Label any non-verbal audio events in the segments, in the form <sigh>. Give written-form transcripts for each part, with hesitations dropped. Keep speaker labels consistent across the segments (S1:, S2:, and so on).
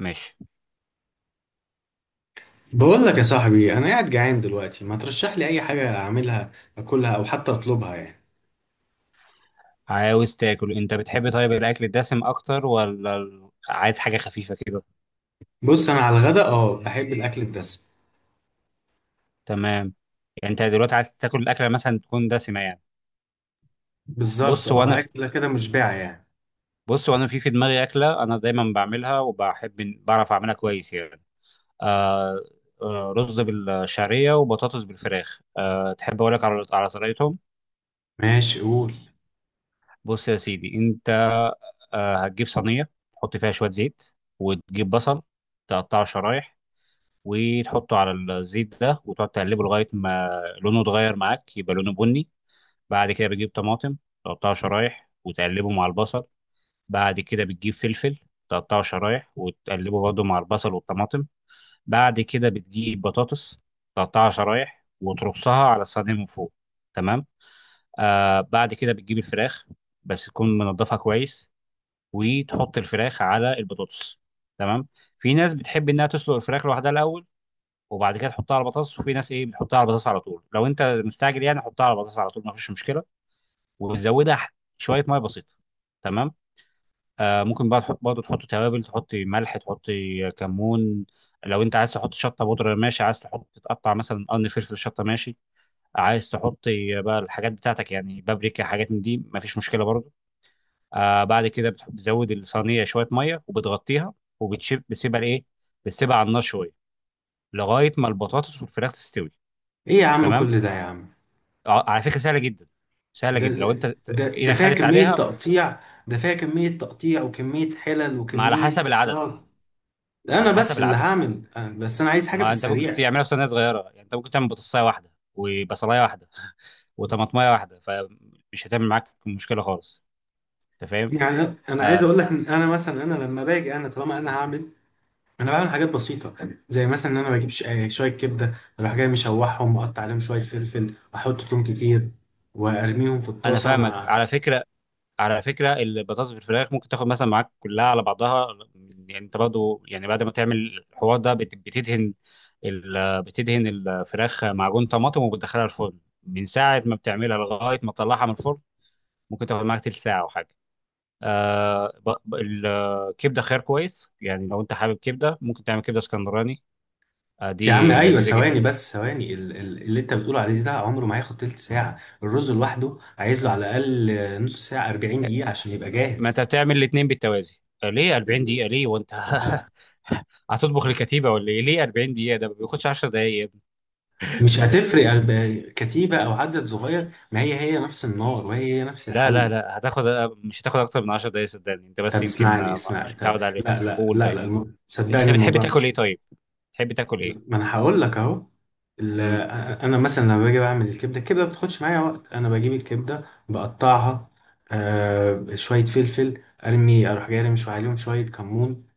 S1: ماشي.
S2: بقول لك يا صاحبي، انا قاعد جعان دلوقتي، ما ترشح لي اي حاجه اعملها، اكلها او حتى اطلبها يعني.
S1: عاوز تاكل، انت بتحب طيب الاكل الدسم اكتر ولا عايز حاجه خفيفه كده؟
S2: بص، انا على الغدا اه بحب الاكل الدسم.
S1: تمام. يعني انت دلوقتي عايز تاكل الاكله مثلا تكون دسمه، يعني؟
S2: بالظبط،
S1: بص وانا
S2: اه
S1: في
S2: اكله كده مشبعه يعني.
S1: بص وانا في دماغي اكله انا دايما بعملها وبحب بعرف اعملها كويس، يعني. آه رز بالشعريه وبطاطس بالفراخ. تحب اقول لك على طريقتهم؟
S2: ماشي، قول.
S1: بص يا سيدي. انت هتجيب صينيه تحط فيها شويه زيت، وتجيب بصل، تقطعه شرايح وتحطه على الزيت ده وتقعد تقلبه لغايه ما لونه اتغير معاك، يبقى لونه بني. بعد كده بتجيب طماطم، تقطعها شرايح وتقلبه مع البصل. بعد كده بتجيب فلفل، تقطعه شرايح وتقلبه برضه مع البصل والطماطم. بعد كده بتجيب بطاطس، تقطعها شرايح وترصها على الصينيه من فوق. تمام. بعد كده بتجيب الفراخ، بس تكون منضفها كويس وتحط الفراخ على البطاطس. تمام. في ناس بتحب انها تسلق الفراخ لوحدها الاول، وبعد كده تحطها على البطاطس، وفي ناس ايه بتحطها على البطاطس على طول. لو انت مستعجل يعني حطها على البطاطس على طول، ما فيش مشكله. وتزودها شويه ميه بسيطه. تمام. ممكن بقى تحط برضه، تحط توابل، تحط ملح، تحط كمون. لو انت عايز تحط شطه بودره، ماشي. عايز تحط، تقطع مثلا قرن فلفل شطه، ماشي. عايز تحط بقى الحاجات بتاعتك يعني، بابريكا، حاجات من دي، ما فيش مشكله برضه. بعد كده بتزود الصينيه شويه ميه وبتغطيها. وبتسيبها لايه؟ بتسيبها على النار شويه، لغايه ما البطاطس والفراخ تستوي.
S2: ايه يا عم؟
S1: تمام.
S2: كل ده يا عم!
S1: على فكره سهله جدا، سهله
S2: ده
S1: جدا، لو انت
S2: ده
S1: ايدك
S2: فيها
S1: خدت
S2: كميه
S1: عليها.
S2: تقطيع. ده فيها كميه تقطيع وكميه حلل
S1: ما على
S2: وكميه
S1: حسب العدد،
S2: صار.
S1: على
S2: انا
S1: حسب
S2: بس اللي
S1: العدد.
S2: هعمل بس انا عايز حاجه في
S1: ما انت ممكن
S2: السريع.
S1: تعملها في صينيه صغيره. يعني انت ممكن تعمل بطاطسايه واحده وبصلايه واحده وطماطمايه واحده، فمش هتعمل معاك مشكله خالص. انت فاهم؟
S2: يعني انا عايز
S1: آه
S2: اقول لك ان انا مثلا انا لما باجي انا طالما انا هعمل، انا بعمل حاجات بسيطه، زي مثلا ان انا بجيب شويه كبده، اروح جاي مشوحهم واقطع عليهم شويه فلفل واحط توم كتير وارميهم في
S1: انا
S2: الطاسه
S1: فاهمك،
S2: مع.
S1: على فكره. على فكره، البطاطس بالفراخ ممكن تاخد مثلا معاك كلها على بعضها. يعني انت برضه، يعني، بعد ما تعمل الحوار ده بتدهن بتدهن الفراخ معجون طماطم وبتدخلها الفرن من ساعه ما بتعملها لغايه ما تطلعها من الفرن. ممكن تاخد معاك تلت ساعة أو حاجة. الكبدة خيار كويس، يعني لو أنت حابب كبدة ممكن تعمل كبدة اسكندراني.
S2: يا عم
S1: دي
S2: ايوه،
S1: لذيذة جدا.
S2: ثواني بس، ثواني اللي انت بتقول عليه ده عمره ما هياخد تلت ساعه. الرز لوحده عايز له على الاقل نص ساعه 40 دقيقه عشان يبقى
S1: ما
S2: جاهز.
S1: أنت بتعمل الاتنين بالتوازي. ليه 40 دقيقة؟ ليه وأنت
S2: آه،
S1: <laughs> هتطبخ لكتيبة ولا إيه؟ ليه 40 دقيقة؟ ده ما بياخدش 10 دقايق يا ابني.
S2: مش هتفرق كتيبه او عدد صغير، ما هي هي نفس النار وهي هي نفس
S1: لا، لا،
S2: الحل.
S1: لا. مش هتاخد أكتر من 10 دقايق، صدقني. أنت
S2: طب
S1: بس يمكن
S2: اسمعني اسمعني،
S1: مش
S2: طب
S1: متعود عليه.
S2: لا لا
S1: قول
S2: لا
S1: طيب.
S2: لا
S1: أنت
S2: صدقني
S1: بتحب
S2: الموضوع
S1: تاكل إيه
S2: مش.
S1: طيب؟ بتحب تاكل إيه؟
S2: ما انا هقول لك اهو. ال-
S1: امم
S2: انا مثلا لما باجي بعمل الكبده. الكبده ما بتاخدش معايا وقت، انا بجيب الكبده بقطعها. شويه فلفل ارمي، اروح جاي ارمي شويه عليهم شويه كمون.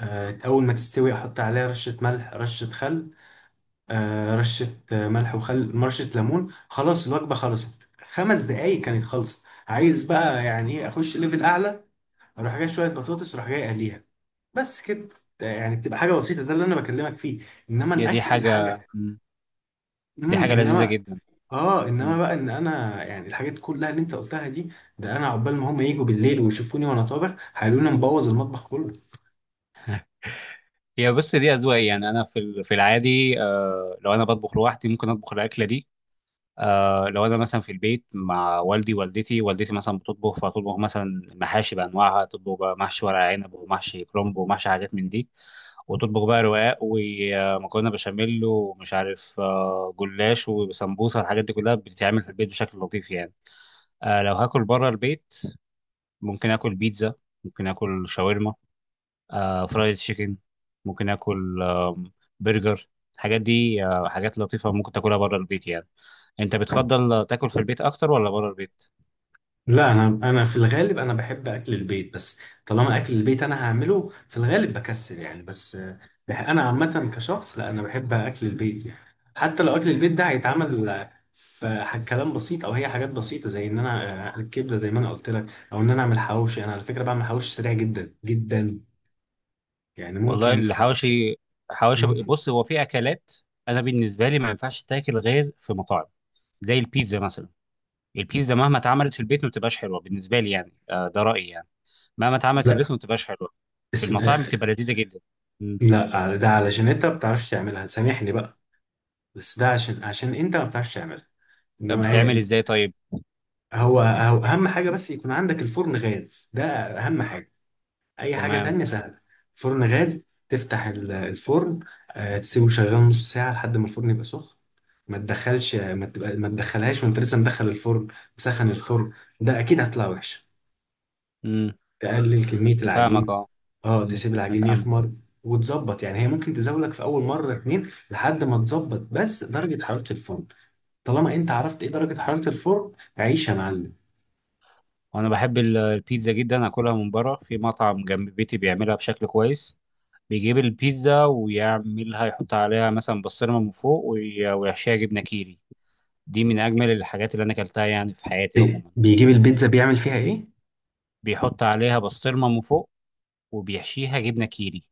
S2: اول ما تستوي احط عليها رشه ملح رشه خل. آه رشه آه، ملح وخل رشه ليمون، خلاص الوجبه خلصت خمس دقايق، كانت خلصت. عايز بقى يعني ايه اخش ليفل اعلى؟ اروح جاي شويه بطاطس اروح جاي اقليها، بس كده. يعني بتبقى حاجه بسيطه، ده اللي انا بكلمك فيه. انما
S1: هي دي
S2: الاكل
S1: حاجة.
S2: الحاجه
S1: مم. دي حاجة لذيذة
S2: انما
S1: جدا.
S2: اه انما بقى ان انا، يعني الحاجات كلها اللي انت قلتها دي، ده انا عقبال ما هم يجوا بالليل ويشوفوني وانا طابخ هيقولوا لي أنا مبوظ المطبخ كله.
S1: هي بس دي أذواق، يعني أنا في في العادي، لو أنا بطبخ لوحدي ممكن أطبخ الأكلة دي. لو أنا مثلا في البيت مع والدي والدتي، والدتي مثلا بتطبخ، فتطبخ مثلا محاشي بأنواعها، تطبخ بقى محشي ورق عنب ومحشي كرنب ومحشي حاجات من دي. وتطبخ بقى رقاق ومكرونة بشاميل ومش عارف، جلاش وسمبوسة، الحاجات دي كلها بتتعمل في البيت بشكل لطيف يعني. لو هاكل بره البيت، ممكن آكل بيتزا، ممكن آكل شاورما، فرايد تشيكن، ممكن اكل برجر. الحاجات دي حاجات لطيفه ممكن تاكلها بره البيت يعني. انت بتفضل تاكل في البيت اكتر ولا بره البيت؟
S2: لا، انا في الغالب انا بحب اكل البيت بس. طالما اكل البيت انا هعمله في الغالب بكسل يعني، بس انا عامه كشخص، لا انا بحب اكل البيت يعني. حتى لو اكل البيت ده هيتعمل، كلام بسيط او هي حاجات بسيطه، زي ان انا، الكبده زي ما انا قلت لك، او ان انا اعمل حواوشي. انا على فكره بعمل حواوشي سريع جدا جدا، يعني
S1: والله،
S2: ممكن في،
S1: الحواشي، حواشي،
S2: ممكن.
S1: بص هو في اكلات. انا بالنسبه لي ما ينفعش تاكل غير في مطاعم، زي البيتزا مثلا. البيتزا مهما اتعملت في البيت ما بتبقاش حلوه بالنسبه لي، يعني ده رايي يعني. مهما اتعملت في
S2: لا
S1: البيت ما بتبقاش حلوه، في
S2: اس...
S1: المطاعم بتبقى لذيذه جدا. مم.
S2: لا ده علشان انت ما بتعرفش تعملها، سامحني بقى. بس ده عشان انت ما بتعرفش تعملها. انما
S1: بتعمل
S2: هي
S1: ازاي طيب؟
S2: هو اهم حاجه، بس يكون عندك الفرن غاز ده اهم حاجه. اي حاجه
S1: تمام.
S2: تانية سهله. فرن غاز، تفتح الفرن، تسيبه شغال نص ساعه لحد ما الفرن يبقى سخن. ما تدخلش ما تبقى ما تدخلهاش وانت لسه مدخل الفرن مسخن الفرن، ده اكيد هتطلع وحشه.
S1: مم.
S2: تقلل كمية
S1: انا فاهمك،
S2: العجين،
S1: اه.
S2: اه
S1: مم.
S2: تسيب
S1: انا
S2: العجين
S1: فاهمك.
S2: يخمر. وتظبط، يعني هي ممكن تزاولك في أول مرة اتنين لحد ما تظبط بس درجة حرارة الفرن. طالما أنت عرفت إيه درجة حرارة الفرن، عيش يا معلم.
S1: وانا بحب البيتزا جدا، اكلها من بره في مطعم جنب بيتي بيعملها بشكل كويس. بيجيب البيتزا ويعملها، يحط عليها مثلا بسطرمه من فوق ويحشيها جبنه كيري. دي من اجمل الحاجات اللي انا اكلتها يعني في حياتي عموما.
S2: بيجيب البيتزا بيعمل فيها إيه؟
S1: بيحط عليها بسطرمه من فوق، وبيحشيها جبنه كيري.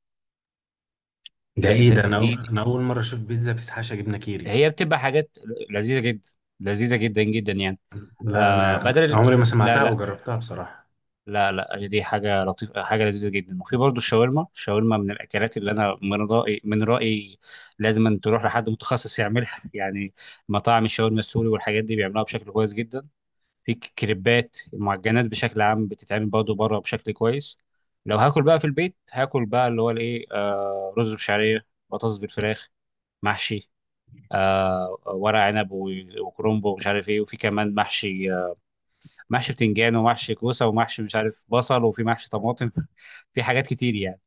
S2: ده
S1: ده
S2: إيه
S1: ده
S2: ده،
S1: دي
S2: أنا أول مرة أشوف بيتزا بتتحشى جبنة كيري.
S1: هي بتبقى حاجات لذيذه جدا، لذيذه جدا جدا، يعني.
S2: لا
S1: آه
S2: أنا
S1: بدل ال-
S2: عمري ما
S1: لا،
S2: سمعتها أو
S1: لا،
S2: جربتها بصراحة.
S1: لا، لا، دي حاجة لطيفة، حاجة لذيذة جدا. وفي برضه الشاورما. الشاورما من الأكلات اللي أنا من رأيي، من رأيي لازم أن تروح لحد متخصص يعملها يعني. مطاعم الشاورما السوري والحاجات دي بيعملوها بشكل كويس جدا. في كريبات، المعجنات بشكل عام بتتعمل برضه بره بشكل كويس. لو هاكل بقى في البيت، هاكل بقى اللي هو الإيه، رز بشعرية، بطاطس بالفراخ، محشي، ورق عنب وكرنب ومش عارف إيه، وفي كمان محشي، محشي بتنجان، ومحشي كوسه، ومحشي مش عارف بصل، وفي محشي طماطم <laughs> في حاجات كتير يعني.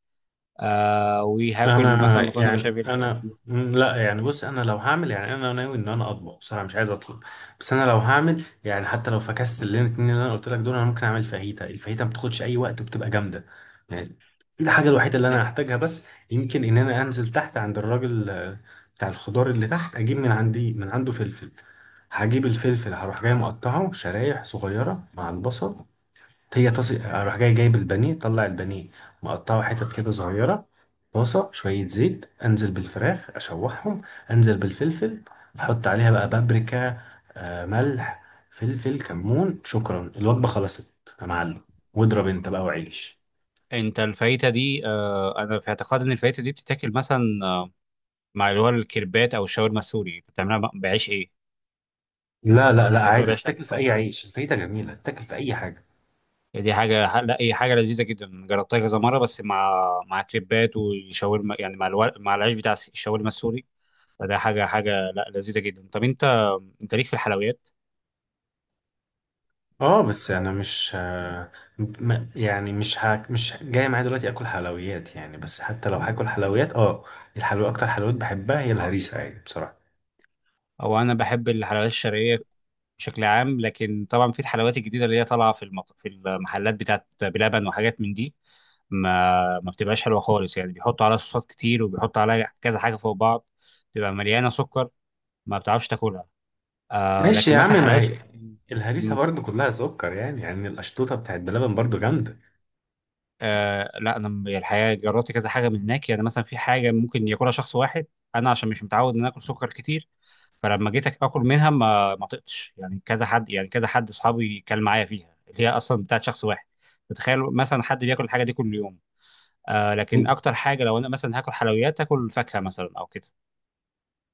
S1: وهاكل مثلا
S2: انا
S1: مكرونه
S2: يعني
S1: بشاميل.
S2: انا لا يعني، بص انا لو هعمل يعني انا ناوي ان انا اطبخ بصراحه، مش عايز اطلب. بس انا لو هعمل يعني، حتى لو فكست اللي الاتنين اللي انا قلت لك دول، انا ممكن اعمل فاهيتا. الفاهيتا ما بتاخدش اي وقت وبتبقى جامده يعني. الحاجه الوحيده اللي انا هحتاجها بس، يمكن ان انا انزل تحت عند الراجل بتاع الخضار اللي تحت، اجيب من عنده فلفل. هجيب الفلفل هروح جاي مقطعه شرايح صغيره مع البصل. هي طاسة، اروح جاي جايب البانيه، طلع البانيه مقطعه حتت كده صغيرة. طاسة شوية زيت، انزل بالفراخ اشوحهم، انزل بالفلفل، احط عليها بقى بابريكا، ملح فلفل كمون، شكرا الوجبة خلصت. يا معلم، واضرب انت بقى وعيش.
S1: انت الفايته دي، انا في اعتقاد ان الفايته دي بتتاكل مثلا، مع اللي هو الكريبات او الشاورما السوري. انت بتعملها بعيش ايه؟
S2: لا لا لا،
S1: تاكلها
S2: عادي
S1: بعيش
S2: تاكل في اي عيش، الفايدة جميلة تاكل في اي حاجة.
S1: إيه؟ دي حاجه، لا هي حاجه لذيذه جدا، جربتها كذا مره بس مع كريبات وشاورما، يعني مع العيش بتاع الشاورما السوري. فده حاجه، لا، لذيذه جدا. طب انت ليك في الحلويات؟
S2: اه بس انا مش يعني مش جاي معايا دلوقتي اكل حلويات يعني. بس حتى لو هاكل حلويات، اه الحلويات، اكتر حلويات بحبها هي الهريسه يعني بصراحه.
S1: او انا بحب الحلويات الشرقيه بشكل عام، لكن طبعا في الحلويات الجديده اللي هي طالعه في في المحلات بتاعت بلبن وحاجات من دي. ما بتبقاش حلوه خالص يعني، بيحطوا عليها صوصات كتير، وبيحطوا عليها كذا حاجه فوق بعض. تبقى مليانه سكر، ما بتعرفش تاكلها.
S2: ماشي
S1: لكن
S2: يا عم،
S1: مثلا
S2: ما
S1: حلويات،
S2: هي الهريسه برضو كلها سكر يعني، يعني القشطوطه بتاعت بلبن برضو جامده.
S1: لا انا الحقيقه جربت كذا حاجه من هناك، يعني مثلا في حاجه ممكن ياكلها شخص واحد. انا عشان مش متعود ان أنا اكل سكر كتير. فلما جيت اكل منها ما طقتش، يعني كذا حد، يعني كذا حد اصحابي كان معايا فيها اللي هي اصلا بتاعت شخص واحد. تتخيل مثلا حد بياكل الحاجه دي كل يوم؟ لكن اكتر حاجه لو انا مثلا هاكل حلويات، هاكل فاكهه مثلا او كده.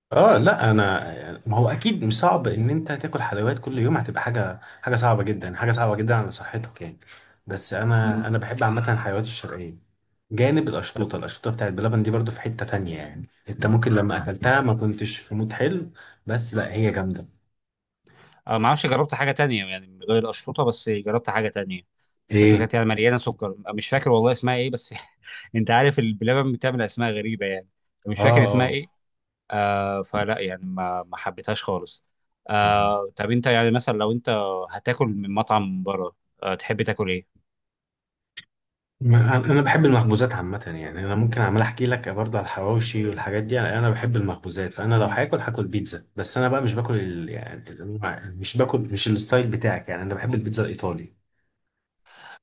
S2: اه لا، انا ما هو اكيد مش صعب ان انت تاكل حلويات كل يوم، هتبقى حاجه، حاجه صعبه جدا، حاجه صعبه جدا على صحتك يعني. بس
S1: مم.
S2: انا بحب عامه الحلويات الشرقيه. جانب
S1: طب،
S2: القشطوطة بتاعت بلبن دي برضو في حتة تانية، يعني انت ممكن لما اكلتها ما كنتش في مود حلو. بس لا هي جامدة.
S1: ما اعرفش، جربت حاجه تانية يعني غير القشطوطه، بس جربت حاجه تانية. بس
S2: ايه؟
S1: كانت يعني مليانه سكر، مش فاكر والله اسمها ايه بس <laughs> انت عارف البلبن بتعمل اسماء غريبه يعني. مش
S2: اه
S1: فاكر اسمها
S2: اه.
S1: ايه. فلا يعني ما حبيتهاش خالص.
S2: مم.
S1: طب انت يعني مثلا، لو انت هتاكل من مطعم من بره، تحب تاكل ايه؟
S2: انا بحب المخبوزات عامة يعني، انا ممكن عمال احكي لك برضو على الحواوشي والحاجات دي. انا بحب المخبوزات، فانا لو
S1: مم.
S2: هاكل بيتزا، بس انا بقى مش باكل يعني مش الستايل بتاعك يعني، انا بحب البيتزا الايطالي.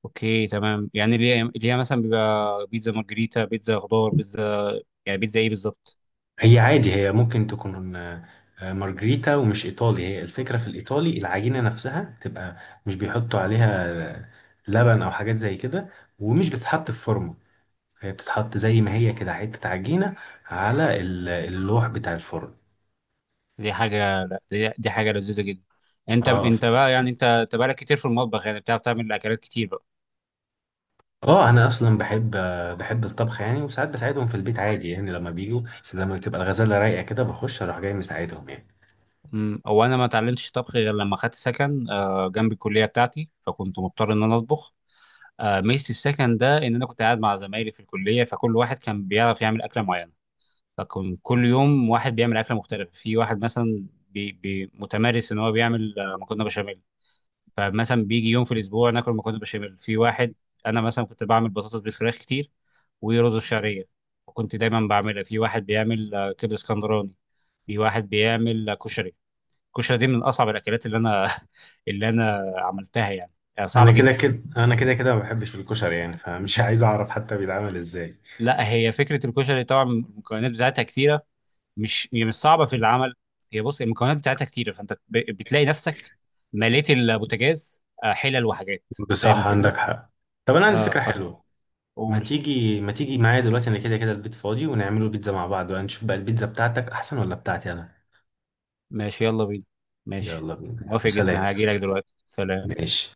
S1: اوكي، تمام، يعني اللي هي مثلا بيبقى بيتزا مارجريتا، بيتزا خضار، بيتزا، يعني بيتزا ايه بالظبط؟
S2: هي عادي هي ممكن تكون مارجريتا ومش ايطالي. هي الفكره في الايطالي العجينه نفسها تبقى مش بيحطوا عليها آه، لبن او حاجات زي كده، ومش بتتحط في فرن، هي بتتحط زي ما هي كده حته عجينه على اللوح بتاع الفرن.
S1: دي حاجه، لا، دي حاجه لذيذه جدا. انت
S2: اه
S1: انت بقى يعني انت بقالك كتير في المطبخ، يعني بتعرف تعمل اكلات كتير بقى.
S2: اه انا اصلا بحب، بحب الطبخ يعني، وساعات بساعدهم في البيت عادي يعني لما بيجوا، بس لما بتبقى الغزاله رايقه كده بخش اروح جاي مساعدهم يعني.
S1: مم. هو انا ما اتعلمتش طبخ غير لما خدت سكن، جنب الكليه بتاعتي، فكنت مضطر ان انا اطبخ. ميزه السكن ده ان انا كنت قاعد مع زمايلي في الكليه، فكل واحد كان بيعرف يعمل اكله معينه. فكان كل يوم واحد بيعمل اكله مختلفه. في واحد مثلا بي بي متمارس ان هو بيعمل مكرونه بشاميل. فمثلا بيجي يوم في الاسبوع ناكل مكرونه بشاميل. في واحد، انا مثلا كنت بعمل بطاطس بالفراخ كتير ورز بشعريه، وكنت دايما بعملها. في واحد بيعمل كبده اسكندراني. في واحد بيعمل كشري. الكشري دي من اصعب الاكلات اللي انا <laughs> اللي انا عملتها يعني.
S2: انا
S1: صعبه
S2: كده
S1: جدا.
S2: كده، ما بحبش الكشري يعني فمش <laughs> عايز اعرف حتى بيتعمل ازاي.
S1: لا، هي فكره الكشري طبعا المكونات بتاعتها كتيره، مش هي مش صعبه في العمل. هي بص، المكونات بتاعتها كتيره، فانت بتلاقي نفسك مليت البوتاجاز حلل وحاجات. فاهم
S2: بصح
S1: الفكره؟
S2: عندك حق. طب انا عندي
S1: اه،
S2: فكره حلوه، ما
S1: فقول.
S2: تيجي ما تيجي معايا دلوقتي، انا كده كده البيت فاضي، ونعمله بيتزا مع بعض بقى نشوف بقى البيتزا بتاعتك احسن ولا بتاعتي انا.
S1: ماشي، يلا بينا. ماشي،
S2: يلا بينا يلا.
S1: موافق
S2: سلام.
S1: جدا هاجي لك دلوقتي، سلام.
S2: ماشي.